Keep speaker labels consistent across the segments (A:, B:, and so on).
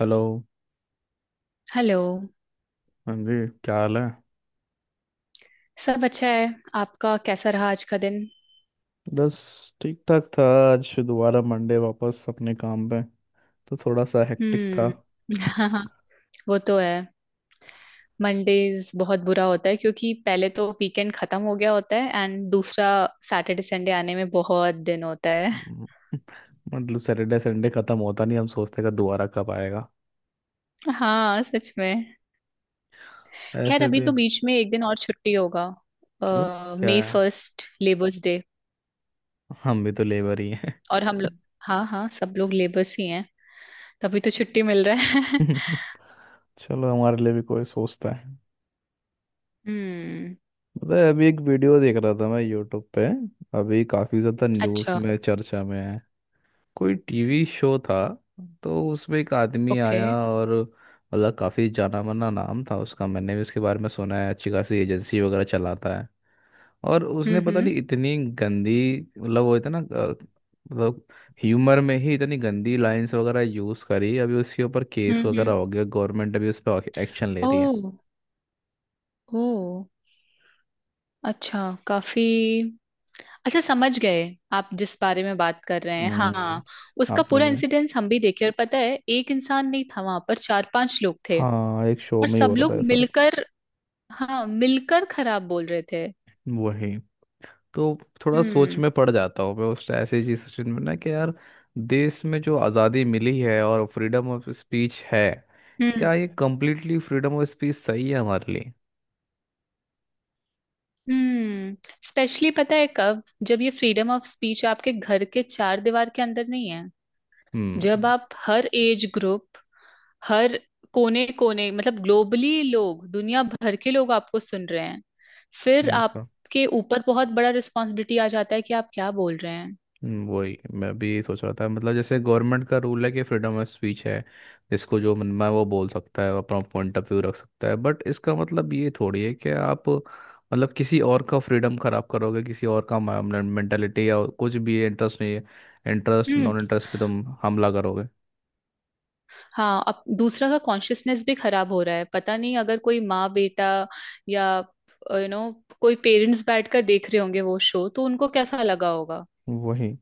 A: Hello.
B: Hello.
A: हाँ जी, क्या हाल है?
B: सब अच्छा है। आपका कैसा रहा आज का दिन?
A: बस ठीक ठाक था। आज दोबारा मंडे, वापस अपने काम पे, तो थोड़ा सा हेक्टिक था।
B: हम्म। हाँ, वो तो है। मंडेज बहुत बुरा होता है क्योंकि पहले तो वीकेंड खत्म हो गया होता है एंड दूसरा सैटरडे संडे आने में बहुत दिन होता है।
A: हम्म, मतलब सैटरडे संडे खत्म होता नहीं, हम सोचते का दोबारा कब आएगा।
B: हाँ, सच में। खैर
A: ऐसे
B: अभी
A: भी
B: तो बीच में एक दिन और छुट्टी होगा।
A: क्यों? क्या
B: मई
A: है?
B: First labours day.
A: हम भी तो लेबर ही हैं।
B: और हम लोग, हाँ हाँ, सब लोग लेबर्स ही हैं। तभी तो छुट्टी मिल रहा है।
A: चलो, हमारे लिए भी कोई सोचता है।
B: हम्म।
A: पता है, अभी एक वीडियो देख रहा था मैं यूट्यूब पे। अभी काफ़ी ज़्यादा न्यूज़
B: अच्छा।
A: में चर्चा में है। कोई टीवी शो था, तो उसमें एक आदमी
B: ओके।
A: आया, और मतलब काफ़ी जाना माना नाम था उसका, मैंने भी उसके बारे में सुना है। अच्छी खासी एजेंसी वगैरह चलाता है। और उसने पता
B: हम्म,
A: नहीं इतनी गंदी, मतलब वो इतना मतलब ह्यूमर में ही इतनी गंदी लाइंस वगैरह यूज़ करी। अभी उसके ऊपर केस वगैरह
B: हम्म।
A: हो गया, गवर्नमेंट अभी उस पर एक्शन ले रही है।
B: ओह। ओ। अच्छा। काफी। अच्छा, समझ गए। आप जिस बारे में बात कर रहे हैं, हाँ।
A: हम्म,
B: उसका
A: आपने
B: पूरा
A: भी?
B: इंसिडेंस हम भी देखे और पता है एक इंसान नहीं था, वहां पर चार पांच लोग थे
A: हाँ, एक शो
B: और
A: में ही हो
B: सब
A: रहा
B: लोग
A: था ऐसा।
B: मिलकर, हाँ, मिलकर खराब बोल रहे थे।
A: वही तो। थोड़ा सोच
B: हम्म
A: में पड़ जाता हूँ मैं उस ऐसी चीज सिचुएशन में ना कि यार, देश में जो आज़ादी मिली है और फ्रीडम ऑफ स्पीच है,
B: हम्म,
A: क्या ये कम्प्लीटली फ्रीडम ऑफ स्पीच सही है हमारे लिए?
B: हम्म। स्पेशली पता है कब? जब ये फ्रीडम ऑफ स्पीच आपके घर के चार दीवार के अंदर नहीं है, जब आप हर एज ग्रुप, हर कोने कोने, मतलब ग्लोबली लोग, दुनिया भर के लोग आपको सुन रहे हैं, फिर
A: हम्म।
B: आपके ऊपर बहुत बड़ा रिस्पॉन्सिबिलिटी आ जाता है कि आप क्या बोल रहे हैं।
A: वही मैं भी सोच रहा था। मतलब जैसे गवर्नमेंट का रूल है कि फ्रीडम ऑफ स्पीच है, जिसको जो मन में है वो बोल सकता है, वो अपना पॉइंट ऑफ व्यू रख सकता है। बट इसका मतलब ये थोड़ी है कि आप मतलब किसी और का फ्रीडम खराब करोगे, किसी और का मेंटेलिटी या कुछ भी इंटरेस्ट नहीं है। इंटरेस्ट
B: हम्म।
A: नॉन इंटरेस्ट पे तुम हमला करोगे।
B: हाँ, अब दूसरा का कॉन्शियसनेस भी खराब हो रहा है, पता नहीं अगर कोई माँ बेटा या यू नो कोई पेरेंट्स बैठकर देख रहे होंगे वो शो, तो उनको कैसा लगा होगा।
A: वही,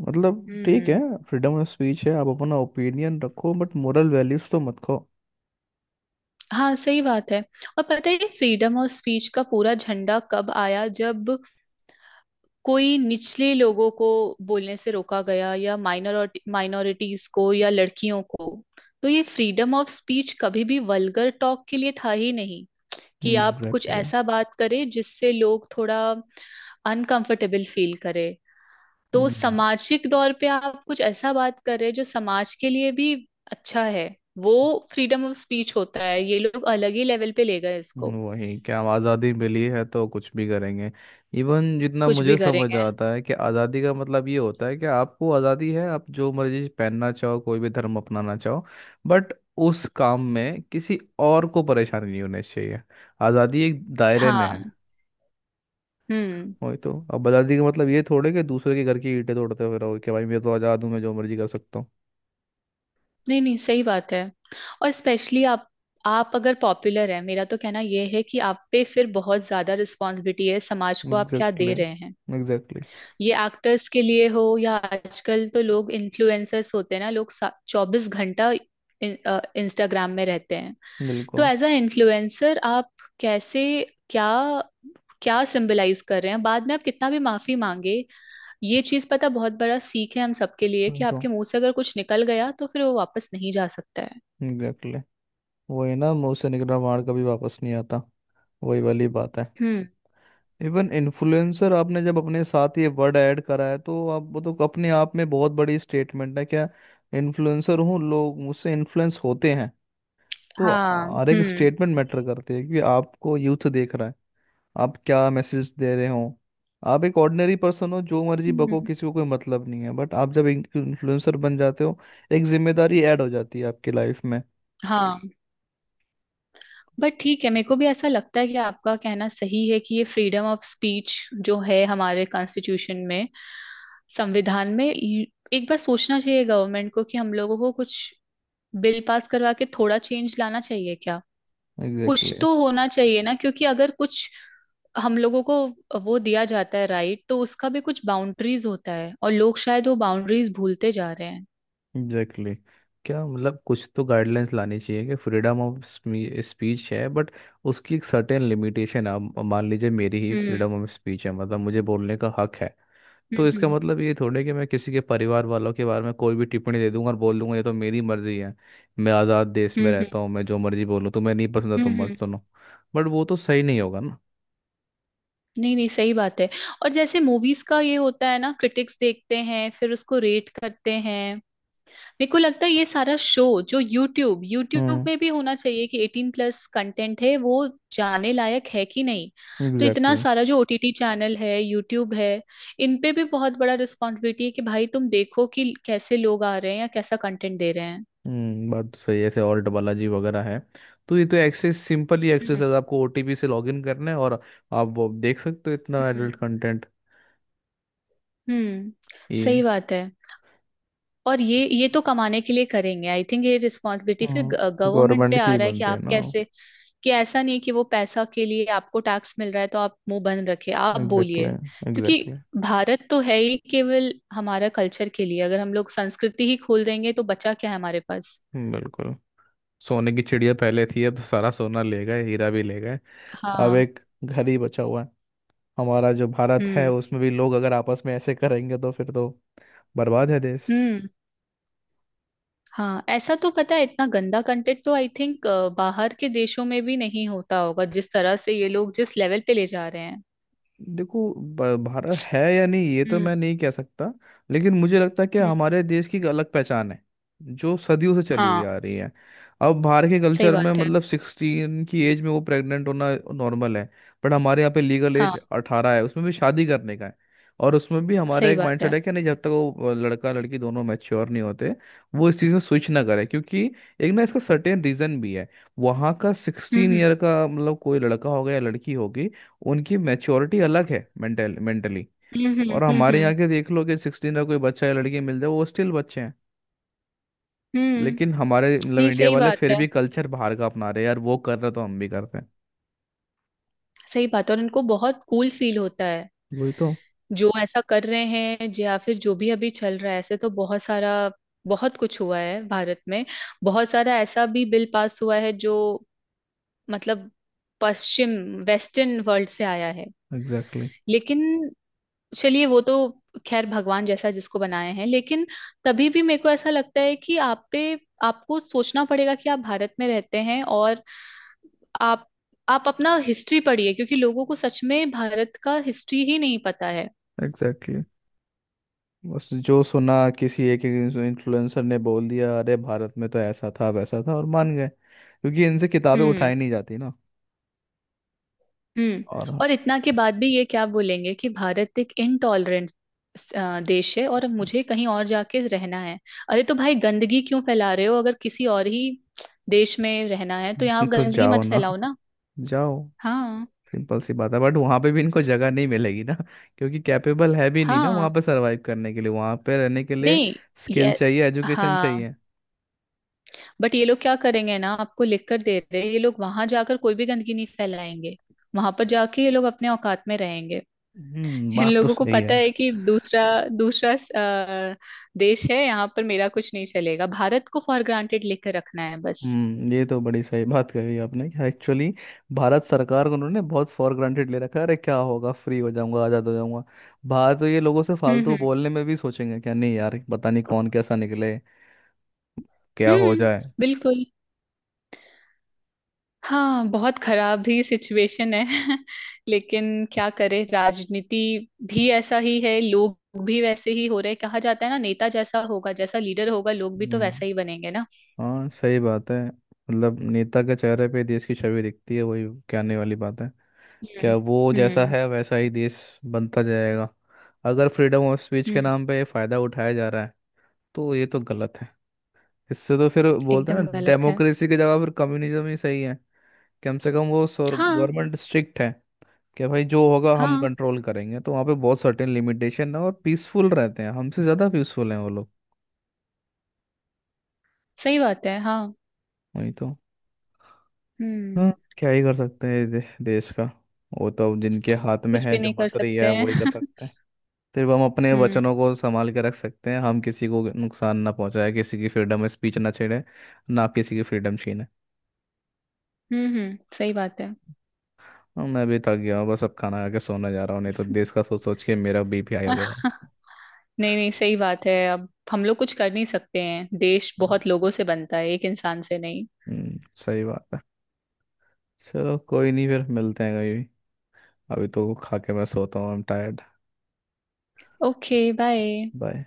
A: मतलब ठीक है,
B: हम्म।
A: फ्रीडम ऑफ स्पीच है, आप अपना ओपिनियन रखो, बट मोरल वैल्यूज तो मत खो।
B: हाँ, सही बात है। और पता है ये फ्रीडम ऑफ स्पीच का पूरा झंडा कब आया? जब कोई निचले लोगों को बोलने से रोका गया या माइनॉरिटीज को या लड़कियों को। तो ये फ्रीडम ऑफ स्पीच कभी भी वल्गर टॉक के लिए था ही नहीं कि आप कुछ
A: एग्जैक्टली।
B: ऐसा बात करें जिससे लोग थोड़ा अनकंफर्टेबल फील करें। तो सामाजिक दौर पे आप कुछ ऐसा बात करें जो समाज के लिए भी अच्छा है, वो फ्रीडम ऑफ स्पीच होता है। ये लोग अलग ही लेवल पे ले गए इसको,
A: वही, क्या आज़ादी मिली है तो कुछ भी करेंगे। इवन जितना
B: कुछ
A: मुझे
B: भी
A: समझ
B: करेंगे।
A: आता है कि आज़ादी का मतलब ये होता है कि आपको आज़ादी है, आप जो मर्जी पहनना चाहो, कोई भी धर्म अपनाना चाहो, बट उस काम में किसी और को परेशानी नहीं होनी चाहिए। आज़ादी एक दायरे में है।
B: हाँ। हम्म।
A: वही तो, अब आज़ादी का मतलब ये थोड़े कि दूसरे के घर की ईंटें तोड़ते हुए रहो कि भाई मैं तो आज़ाद हूँ, मैं जो मर्जी कर सकता हूँ।
B: नहीं नहीं, सही बात है। और स्पेशली आप अगर पॉपुलर हैं, मेरा तो कहना यह है कि आप पे फिर बहुत ज्यादा रिस्पॉन्सिबिलिटी है, समाज को आप क्या
A: एग्जैक्टली,
B: दे रहे हैं।
A: एग्जैक्टली।
B: ये एक्टर्स के लिए हो या आजकल तो लोग इन्फ्लुएंसर्स होते हैं ना लोग, चौबीस घंटा इंस्टाग्राम में रहते हैं। तो
A: बिल्कुल।
B: एज अ इन्फ्लुएंसर आप कैसे, क्या क्या सिंबलाइज कर रहे हैं, बाद में आप कितना भी माफी मांगे। ये चीज पता बहुत बड़ा सीख है हम सबके लिए कि
A: तो
B: आपके मुंह से अगर कुछ निकल गया तो फिर वो वापस नहीं जा सकता है।
A: एग्जैक्टली, वही ना, मुंह से निकला मार कभी वापस नहीं आता। वही वाली बात है।
B: हम्म।
A: इवन इन्फ्लुएंसर, आपने जब अपने साथ ये वर्ड ऐड करा है, तो आप वो तो अपने आप में बहुत बड़ी स्टेटमेंट है, क्या इन्फ्लुएंसर हूँ, लोग मुझसे इन्फ्लुएंस होते हैं। तो
B: हाँ।
A: हर एक स्टेटमेंट मैटर करती है कि आपको यूथ देख रहा है, आप क्या मैसेज दे रहे हो। आप एक ऑर्डिनरी पर्सन हो, जो मर्जी बको,
B: हम्म।
A: किसी को कोई मतलब नहीं है, बट आप जब इन्फ्लुएंसर बन जाते हो, एक जिम्मेदारी ऐड हो जाती है आपकी लाइफ में।
B: हाँ। बट ठीक है, मेरे को भी ऐसा लगता है कि आपका कहना सही है कि ये फ्रीडम ऑफ स्पीच जो है हमारे कॉन्स्टिट्यूशन में, संविधान में, एक बार सोचना चाहिए गवर्नमेंट को कि हम लोगों को कुछ बिल पास करवा के थोड़ा चेंज लाना चाहिए क्या। कुछ
A: एग्जैक्टली,
B: तो होना चाहिए ना क्योंकि अगर कुछ हम लोगों को वो दिया जाता है, राइट, तो उसका भी कुछ बाउंड्रीज होता है और लोग शायद वो बाउंड्रीज भूलते जा रहे हैं।
A: Exactly exactly. क्या, मतलब कुछ तो गाइडलाइंस लानी चाहिए कि फ्रीडम ऑफ स्पीच है, बट उसकी एक सर्टेन लिमिटेशन है। अब मान लीजिए, मेरी ही
B: हम्म
A: फ्रीडम ऑफ स्पीच है, मतलब मुझे बोलने का हक है,
B: हम्म,
A: तो इसका मतलब ये थोड़े कि मैं किसी के परिवार वालों के बारे में कोई भी टिप्पणी दे दूंगा और बोल दूंगा ये तो मेरी मर्जी है, मैं आज़ाद देश में
B: हम्म,
A: रहता हूँ, मैं जो मर्जी बोलूँ, तुम्हें नहीं पसंद है तुम मत
B: हम्म।
A: सुनो। बट वो तो सही नहीं होगा ना।
B: नहीं नहीं, सही बात है। और जैसे मूवीज का ये होता है ना, क्रिटिक्स देखते हैं फिर उसको रेट करते हैं, मेरे को लगता है ये सारा शो जो यूट्यूब यूट्यूब
A: हम्म,
B: में भी होना चाहिए कि एटीन प्लस कंटेंट है वो जाने लायक है कि नहीं। तो इतना
A: एग्जैक्टली।
B: सारा जो ओटीटी चैनल है, यूट्यूब है, इन पे भी बहुत बड़ा रिस्पॉन्सिबिलिटी है कि भाई तुम देखो कि कैसे लोग आ रहे हैं या कैसा कंटेंट दे रहे हैं।
A: हम्म, बात तो सही है। ऐसे ऑल्ट बालाजी वगैरह है, तो ये तो एक्सेस, सिंपल ही एक्सेस
B: हम्म
A: है, आपको ओटीपी से लॉगिन करना है और आप वो देख सकते हो, इतना
B: हम्म,
A: एडल्ट कंटेंट।
B: हम्म, सही
A: ये
B: बात है। और ये तो कमाने के लिए करेंगे, आई थिंक ये रिस्पॉन्सिबिलिटी फिर
A: हम्म,
B: गवर्नमेंट पे
A: गवर्नमेंट के
B: आ
A: ही
B: रहा है कि
A: बनते हैं
B: आप
A: ना।
B: कैसे, कि ऐसा नहीं कि वो पैसा के लिए आपको टैक्स मिल रहा है तो आप मुंह बंद रखे, आप बोलिए।
A: एग्जैक्टली,
B: क्योंकि
A: एग्जैक्टली।
B: भारत तो है ही केवल हमारा कल्चर के लिए, अगर हम लोग संस्कृति ही खोल देंगे तो बचा क्या है हमारे पास।
A: बिल्कुल। सोने की चिड़िया पहले थी, अब तो सारा सोना ले गए, हीरा भी ले गए। अब
B: हाँ।
A: एक घर ही बचा हुआ है, हमारा जो भारत है,
B: हम्म
A: उसमें भी लोग अगर आपस में ऐसे करेंगे तो फिर तो बर्बाद है देश।
B: हम्म। हाँ, ऐसा तो पता है इतना गंदा कंटेंट तो आई थिंक बाहर के देशों में भी नहीं होता होगा जिस तरह से ये लोग जिस लेवल पे ले जा रहे हैं।
A: देखो, भारत है या नहीं ये तो
B: हम्म
A: मैं नहीं कह सकता, लेकिन मुझे लगता है कि
B: हम्म।
A: हमारे देश की एक अलग पहचान है, जो सदियों से चली हुई
B: हाँ,
A: आ रही है। अब बाहर के
B: सही
A: कल्चर में,
B: बात है,
A: मतलब 16 की एज में वो प्रेग्नेंट होना नॉर्मल है, बट हमारे यहाँ पे लीगल
B: हाँ,
A: एज 18 है, उसमें भी शादी करने का है। और उसमें भी हमारा
B: सही
A: एक
B: बात
A: माइंडसेट
B: है।
A: है कि नहीं, जब तक वो लड़का लड़की दोनों मैच्योर नहीं होते, वो इस चीज़ में स्विच ना करे, क्योंकि एक ना इसका सर्टेन रीज़न भी है। वहाँ का 16
B: हम्म
A: ईयर का मतलब, कोई लड़का होगा या लड़की होगी, उनकी मैच्योरिटी अलग है, मेंटली।
B: हम्म,
A: और
B: हम्म,
A: हमारे यहाँ के देख लो कि 16 का कोई बच्चा या लड़की मिल जाए, वो स्टिल बच्चे हैं।
B: हम्म,
A: लेकिन हमारे मतलब
B: नहीं,
A: इंडिया
B: सही
A: वाले
B: बात
A: फिर
B: है।
A: भी कल्चर बाहर का अपना रहे हैं। यार वो कर रहे तो हम भी करते हैं।
B: सही बात है, और इनको बहुत कूल फील होता है
A: वही तो।
B: जो ऐसा कर रहे हैं, या फिर जो भी अभी चल रहा है, ऐसे तो बहुत सारा, बहुत कुछ हुआ है भारत में। बहुत सारा ऐसा भी बिल पास हुआ है जो, मतलब, पश्चिम, वेस्टर्न वर्ल्ड से आया है।
A: एग्जैक्टली exactly,
B: लेकिन, चलिए वो तो खैर भगवान जैसा जिसको बनाए हैं, लेकिन तभी भी मेरे को ऐसा लगता है कि आप पे, आपको सोचना पड़ेगा कि आप भारत में रहते हैं, और आप आप अपना हिस्ट्री पढ़िए क्योंकि लोगों को सच में भारत का हिस्ट्री ही नहीं पता है।
A: Exactly exactly. बस जो सुना, किसी एक इन्फ्लुएंसर ने बोल दिया अरे भारत में तो ऐसा था वैसा था, और मान गए क्योंकि इनसे किताबें
B: हम्म
A: उठाई नहीं जाती ना।
B: हम्म।
A: और
B: और इतना के बाद भी ये क्या बोलेंगे कि भारत एक इनटॉलरेंट देश है और मुझे कहीं और जाके रहना है। अरे तो भाई गंदगी क्यों फैला रहे हो, अगर किसी और ही देश में रहना है तो यहाँ
A: तो
B: गंदगी
A: जाओ
B: मत
A: ना,
B: फैलाओ ना।
A: जाओ।
B: हाँ।
A: सिंपल सी बात है। बट वहां पे भी इनको जगह नहीं मिलेगी ना, क्योंकि कैपेबल है भी नहीं ना
B: हाँ।
A: वहां पे सरवाइव करने के लिए, वहां पे रहने के लिए
B: नहीं।
A: स्किल
B: ये।
A: चाहिए, एजुकेशन
B: हाँ।
A: चाहिए।
B: बट ये लोग क्या करेंगे ना, आपको लिख कर दे रहे हैं, ये लोग वहां जाकर कोई भी गंदगी नहीं फैलाएंगे, वहां पर जाके ये लोग अपने औकात में रहेंगे।
A: हम्म,
B: इन
A: बात तो
B: लोगों को
A: सही
B: पता
A: है।
B: है कि दूसरा दूसरा देश है, यहाँ पर मेरा कुछ नहीं चलेगा, भारत को फॉर ग्रांटेड लेकर रखना है बस।
A: हम्म, ये तो बड़ी सही बात कही आपने कि एक्चुअली भारत सरकार को उन्होंने बहुत फॉर ग्रांटेड ले रखा है। अरे क्या होगा, फ्री हो जाऊंगा, आज़ाद हो जाऊंगा। बाहर तो ये लोगों से फालतू
B: हम्म,
A: बोलने में भी सोचेंगे, क्या नहीं यार, पता नहीं कौन कैसा निकले, क्या हो
B: हम्म।
A: जाए।
B: बिल्कुल। हाँ, बहुत खराब ही सिचुएशन है। लेकिन क्या करे, राजनीति भी ऐसा ही है, लोग भी वैसे ही हो रहे हैं। कहा जाता है ना, नेता जैसा होगा, जैसा लीडर होगा लोग भी तो
A: हम्म,
B: वैसा ही बनेंगे ना।
A: हाँ सही बात है। मतलब नेता के चेहरे पे देश की छवि दिखती है। वही कहने वाली बात है। क्या,
B: हम्म
A: वो जैसा
B: हम्म,
A: है वैसा ही देश बनता जाएगा। अगर फ्रीडम ऑफ स्पीच के
B: हम्म,
A: नाम पे फ़ायदा उठाया जा रहा है, तो ये तो गलत है। इससे तो फिर बोलते हैं
B: एकदम
A: ना,
B: गलत है।
A: डेमोक्रेसी की जगह फिर कम्युनिज्म ही सही है। कम से कम वो
B: हाँ।
A: गवर्नमेंट स्ट्रिक्ट है कि भाई जो होगा हम
B: हाँ,
A: कंट्रोल करेंगे, तो वहाँ पे बहुत सर्टेन लिमिटेशन है और पीसफुल रहते हैं, हमसे ज़्यादा पीसफुल हैं वो लोग।
B: सही बात है, हाँ।
A: वही तो। हाँ,
B: हम्म।
A: क्या ही कर सकते हैं देश का, वो तो अब जिनके हाथ में
B: कुछ
A: है,
B: भी
A: जो
B: नहीं कर
A: मंत्री
B: सकते
A: है
B: हैं।
A: वही कर सकते हैं। सिर्फ हम अपने
B: हम्म,
A: वचनों को संभाल के रख सकते हैं, हम किसी को नुकसान ना पहुंचाए, किसी की फ्रीडम स्पीच ना छेड़े, ना किसी की फ्रीडम छीने।
B: हम्म, हम्म, सही बात है।
A: हाँ, मैं भी थक गया हूँ, बस अब खाना खा के सोने जा रहा हूँ, नहीं तो देश का सोच सोच के मेरा BP हाई हो जाएगा।
B: आह, नहीं नहीं, सही बात है, अब हम लोग कुछ कर नहीं सकते हैं, देश बहुत लोगों से बनता है, एक इंसान से नहीं।
A: हम्म, सही बात है। चलो कोई नहीं, फिर मिलते हैं कभी। अभी तो खा के मैं सोता हूँ, I am tired.
B: Okay, bye.
A: Bye.